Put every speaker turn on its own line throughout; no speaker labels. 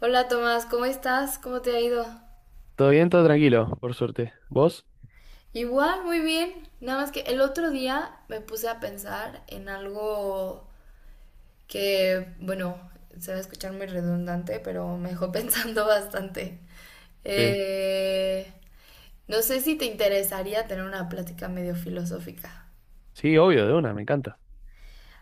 Hola Tomás, ¿cómo estás? ¿Cómo te ha ido?
Todo bien, todo tranquilo, por suerte. ¿Vos?
Igual, muy bien. Nada más que el otro día me puse a pensar en algo que, bueno, se va a escuchar muy redundante, pero me dejó pensando bastante.
Sí,
Eh, no sé si te interesaría tener una plática medio filosófica.
sí, obvio, de una, me encanta.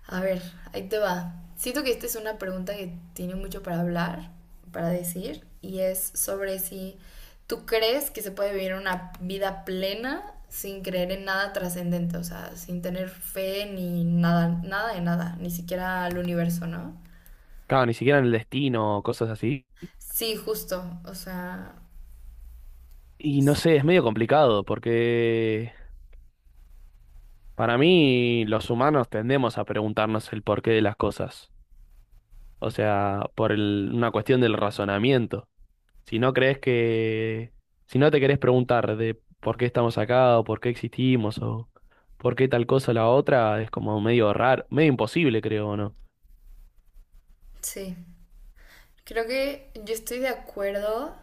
A ver, ahí te va. Siento que esta es una pregunta que tiene mucho para hablar, para decir, y es sobre si tú crees que se puede vivir una vida plena sin creer en nada trascendente, o sea, sin tener fe ni nada, nada de nada, ni siquiera al universo, ¿no?
Claro, ni siquiera en el destino, cosas así.
Sí, justo, o sea,
Y no sé, es medio complicado porque para mí los humanos tendemos a preguntarnos el porqué de las cosas. O sea, una cuestión del razonamiento. Si no crees que, si no te querés preguntar de por qué estamos acá o por qué existimos o por qué tal cosa o la otra, es como medio raro, medio imposible, creo, ¿no?
sí. Creo que yo estoy de acuerdo.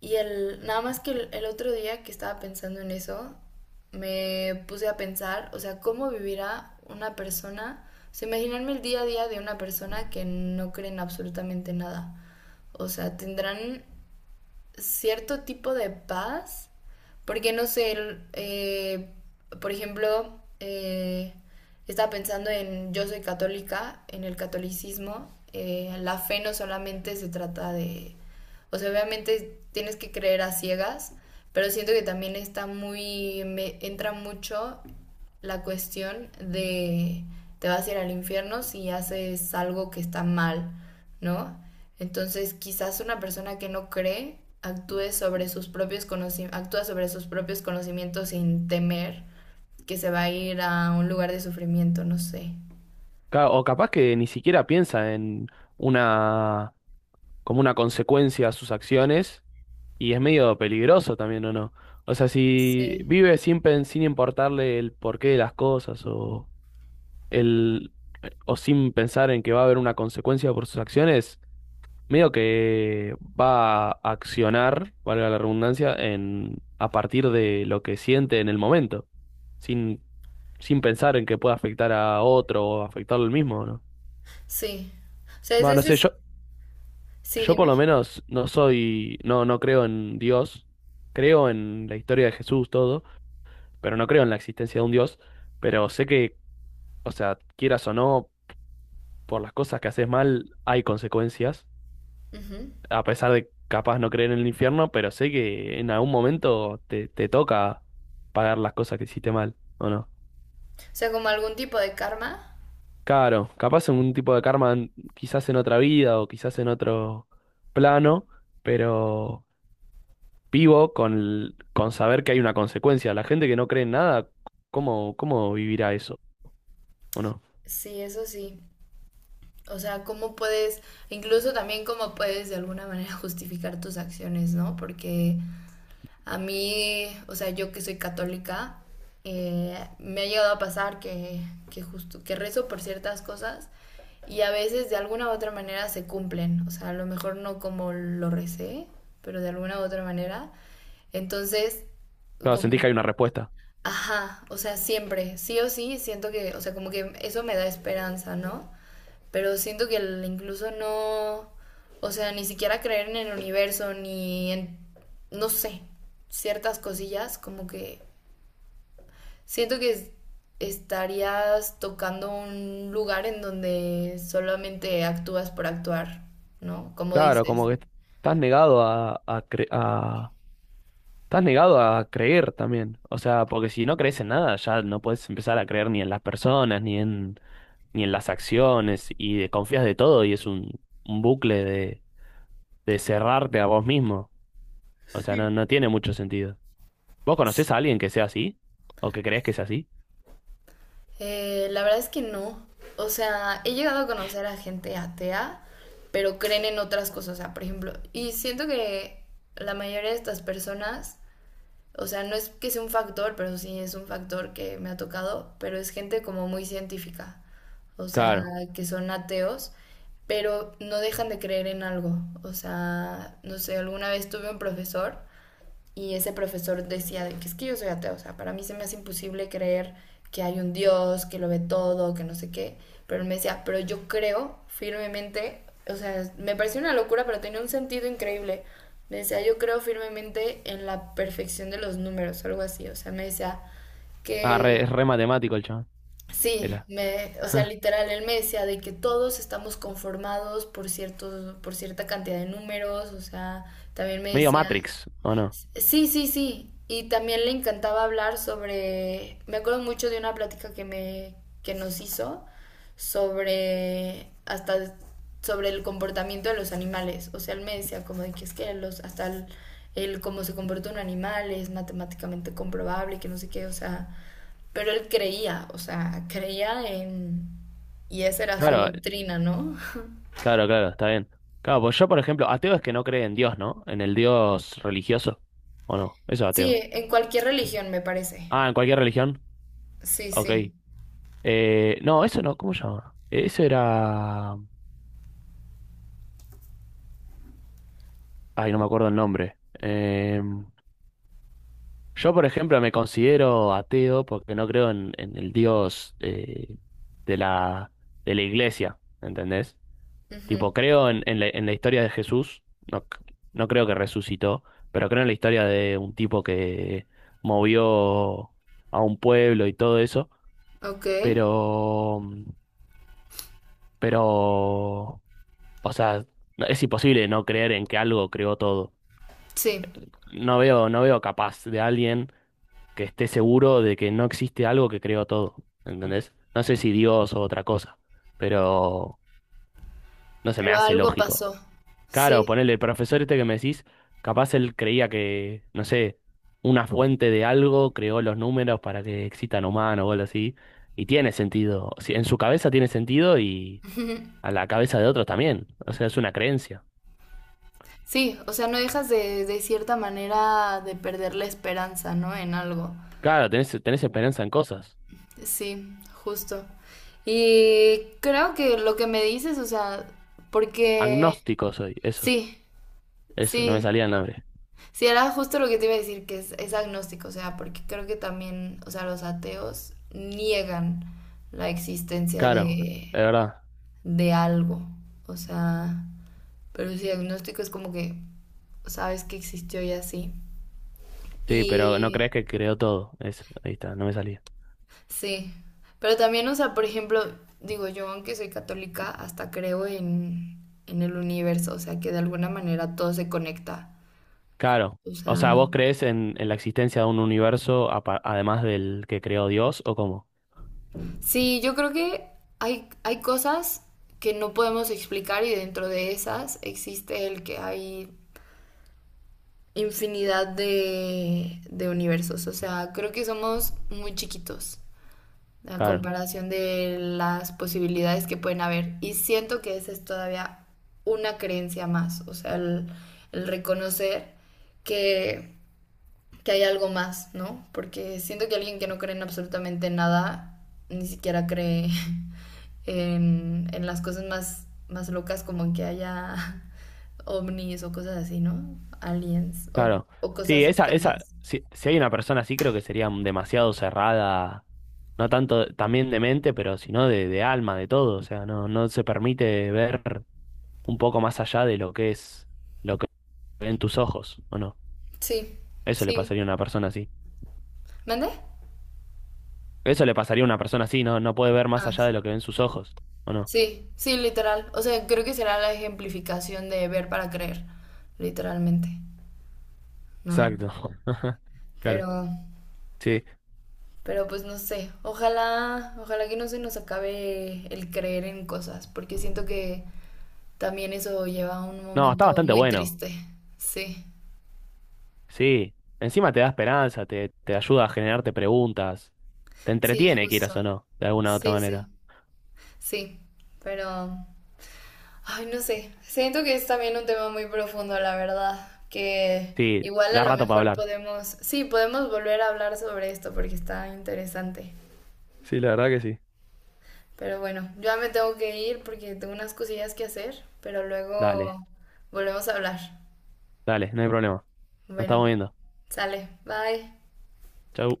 Y el, nada más que el otro día que estaba pensando en eso, me puse a pensar, o sea, cómo vivirá una persona, o sea, imaginarme el día a día de una persona que no cree en absolutamente nada. O sea, tendrán cierto tipo de paz, porque no sé, eh, por ejemplo, estaba pensando en yo soy católica, en el catolicismo, la fe no solamente se trata de, o sea, obviamente tienes que creer a ciegas, pero siento que también está muy, me entra mucho la cuestión de te vas a ir al infierno si haces algo que está mal, ¿no? Entonces, quizás una persona que no cree actúe sobre sus propios conocimientos, actúa sobre sus propios conocimientos sin temer que se va a ir a un lugar de sufrimiento, no sé.
Claro, o capaz que ni siquiera piensa en una como una consecuencia a sus acciones, y es medio peligroso también, ¿o no? O sea, si
Sí.
vive sin importarle el porqué de las cosas o el o sin pensar en que va a haber una consecuencia por sus acciones, medio que va a accionar, valga la redundancia, en a partir de lo que siente en el momento, sin sin pensar en que pueda afectar a otro o afectarlo al mismo, ¿o ¿no?
Sí. O sea, ese
Bueno, no sé,
es...
yo,
Sí,
Yo por
dime.
lo menos no creo en Dios, creo en la historia de Jesús, todo, pero no creo en la existencia de un Dios, pero sé que, o sea, quieras o no, por las cosas que haces mal hay consecuencias,
Ujú.
a pesar de capaz no creer en el infierno, pero sé que en algún momento te toca pagar las cosas que hiciste mal, ¿o no?
O sea, como algún tipo de karma.
Claro, capaz en un tipo de karma, quizás en otra vida o quizás en otro plano, pero vivo con saber que hay una consecuencia. La gente que no cree en nada, ¿cómo vivirá eso? ¿O no?
Sí, eso sí. O sea, cómo puedes, incluso también cómo puedes de alguna manera justificar tus acciones, ¿no? Porque a mí, o sea, yo que soy católica, me ha llegado a pasar que, justo, que rezo por ciertas cosas y a veces de alguna u otra manera se cumplen. O sea, a lo mejor no como lo recé, pero de alguna u otra manera. Entonces,
Claro,
como,
sentís que hay una respuesta.
ajá, o sea, siempre, sí o sí, siento que, o sea, como que eso me da esperanza, ¿no? Pero siento que incluso no, o sea, ni siquiera creer en el universo, ni en, no sé, ciertas cosillas, como que siento que estarías tocando un lugar en donde solamente actúas por actuar, ¿no? Como
Claro, como
dices.
que estás negado a, cre- a- estás negado a creer también. O sea, porque si no crees en nada, ya no puedes empezar a creer ni en las personas, ni en las acciones y confías de todo y es un bucle de cerrarte a vos mismo. O sea, no, no tiene mucho sentido. ¿Vos conocés a alguien que sea así? ¿O que creés que sea así?
La verdad es que no. O sea, he llegado a conocer a gente atea, pero creen en otras cosas. O sea, por ejemplo, y siento que la mayoría de estas personas, o sea, no es que sea un factor, pero sí es un factor que me ha tocado, pero es gente como muy científica, o sea,
Claro.
que son ateos, pero no dejan de creer en algo. O sea, no sé, alguna vez tuve un profesor y ese profesor decía de que es que yo soy ateo, o sea, para mí se me hace imposible creer que hay un Dios, que lo ve todo, que no sé qué. Pero él me decía, pero yo creo firmemente, o sea, me pareció una locura, pero tenía un sentido increíble. Me decía, yo creo firmemente en la perfección de los números, algo así. O sea, me decía que
Es re matemático el chabón.
sí,
Era.
me, o sea, literal, él me decía de que todos estamos conformados por ciertos, por cierta cantidad de números. O sea, también me
Medio
decía,
Matrix, ¿o no?
sí, sí, sí. Y también le encantaba hablar sobre, me acuerdo mucho de una plática que me que nos hizo sobre hasta sobre el comportamiento de los animales. O sea, él me decía como de que es que los hasta el cómo se comporta un animal es matemáticamente comprobable, que no sé qué, o sea, pero él creía, o sea, creía en y esa era su
Claro,
doctrina, ¿no?
claro, claro, está bien. Claro, pues yo, por ejemplo, ateo es que no cree en Dios, ¿no? En el Dios religioso. ¿O no? Eso es
Sí,
ateo.
en cualquier
Sí.
religión me parece.
Ah, en cualquier religión.
Sí,
Ok.
sí.
No, eso no, ¿cómo se llama? Eso era. Ay, no me acuerdo el nombre. Yo, por ejemplo, me considero ateo porque no creo en el Dios de la, de la iglesia, ¿entendés?
Ujú.
Tipo, creo en la historia de Jesús, no, no creo que resucitó, pero creo en la historia de un tipo que movió a un pueblo y todo eso,
Ok.
pero, pero, o sea, es imposible no creer en que algo creó todo.
Sí.
No veo, no veo capaz de alguien que esté seguro de que no existe algo que creó todo, ¿entendés? No sé si Dios o otra cosa, pero no se me
Pero
hace
algo
lógico.
pasó,
Claro,
sí.
ponele, el profesor este que me decís, capaz él creía que, no sé, una fuente de algo creó los números para que existan humanos o algo así, y tiene sentido. O sea, en su cabeza tiene sentido y a la cabeza de otros también, o sea, es una creencia.
Sí, o sea, no dejas de cierta manera de perder la esperanza, ¿no? En algo.
Claro, tenés, tenés esperanza en cosas.
Sí, justo. Y creo que lo que me dices, o sea, porque
Agnóstico soy, eso,
sí,
eso, no me
sí,
salía el nombre.
sí, era justo lo que te iba a decir, que es agnóstico, o sea, porque creo que también, o sea, los ateos niegan la existencia
Claro, es verdad.
de algo, o sea, pero su diagnóstico es como que sabes que existió y así.
Sí, pero no
Y
crees que creó todo. Eso, ahí está, no me salía.
sí, pero también, o sea, por ejemplo, digo yo, aunque soy católica, hasta creo en el universo, o sea, que de alguna manera todo se conecta.
Claro.
O
O
sea,
sea, ¿vos crees en la existencia de un universo además del que creó Dios o cómo?
sí, yo creo que hay cosas que no podemos explicar y dentro de esas existe el que hay infinidad de universos. O sea, creo que somos muy chiquitos a
Claro,
comparación de las posibilidades que pueden haber. Y siento que esa es todavía una creencia más, o sea, el reconocer que, que hay algo más, ¿no? Porque siento que alguien que no cree en absolutamente nada, ni siquiera cree en las cosas más, más locas como en que haya ovnis o cosas así, ¿no? Aliens
claro.
o
Sí,
cosas
esa,
externas.
si, si hay una persona así, creo que sería demasiado cerrada, no tanto también de mente, pero sino de alma, de todo. O sea, no, no se permite ver un poco más allá de lo que es, lo que ven tus ojos, ¿o no?
Sí,
Eso le
sí.
pasaría a una persona así.
¿Mande?
Eso le pasaría a una persona así, no, no puede ver más
Ah,
allá de lo que ven sus ojos, ¿o no?
sí, sí, literal. O sea, creo que será la ejemplificación de ver para creer, literalmente, ¿no?
Exacto. Claro.
Pero,
Sí.
pero pues no sé. Ojalá, ojalá que no se nos acabe el creer en cosas, porque siento que también eso lleva a un
No, está
momento
bastante
muy
bueno.
triste. Sí,
Sí. Encima te da esperanza, te ayuda a generarte preguntas. Te
sí,
entretiene, quieras
justo.
o no, de alguna u otra
Sí,
manera.
sí, sí. Pero, ay, no sé. Siento que es también un tema muy profundo, la verdad. Que
Sí,
igual a
da
lo
rato para
mejor
hablar.
podemos, sí, podemos volver a hablar sobre esto porque está interesante.
Sí, la verdad que sí.
Pero bueno, yo ya me tengo que ir porque tengo unas cosillas que hacer, pero luego
Dale,
volvemos a hablar.
Dale, no hay problema. Nos
Bueno,
estamos viendo.
sale. Bye.
Chau.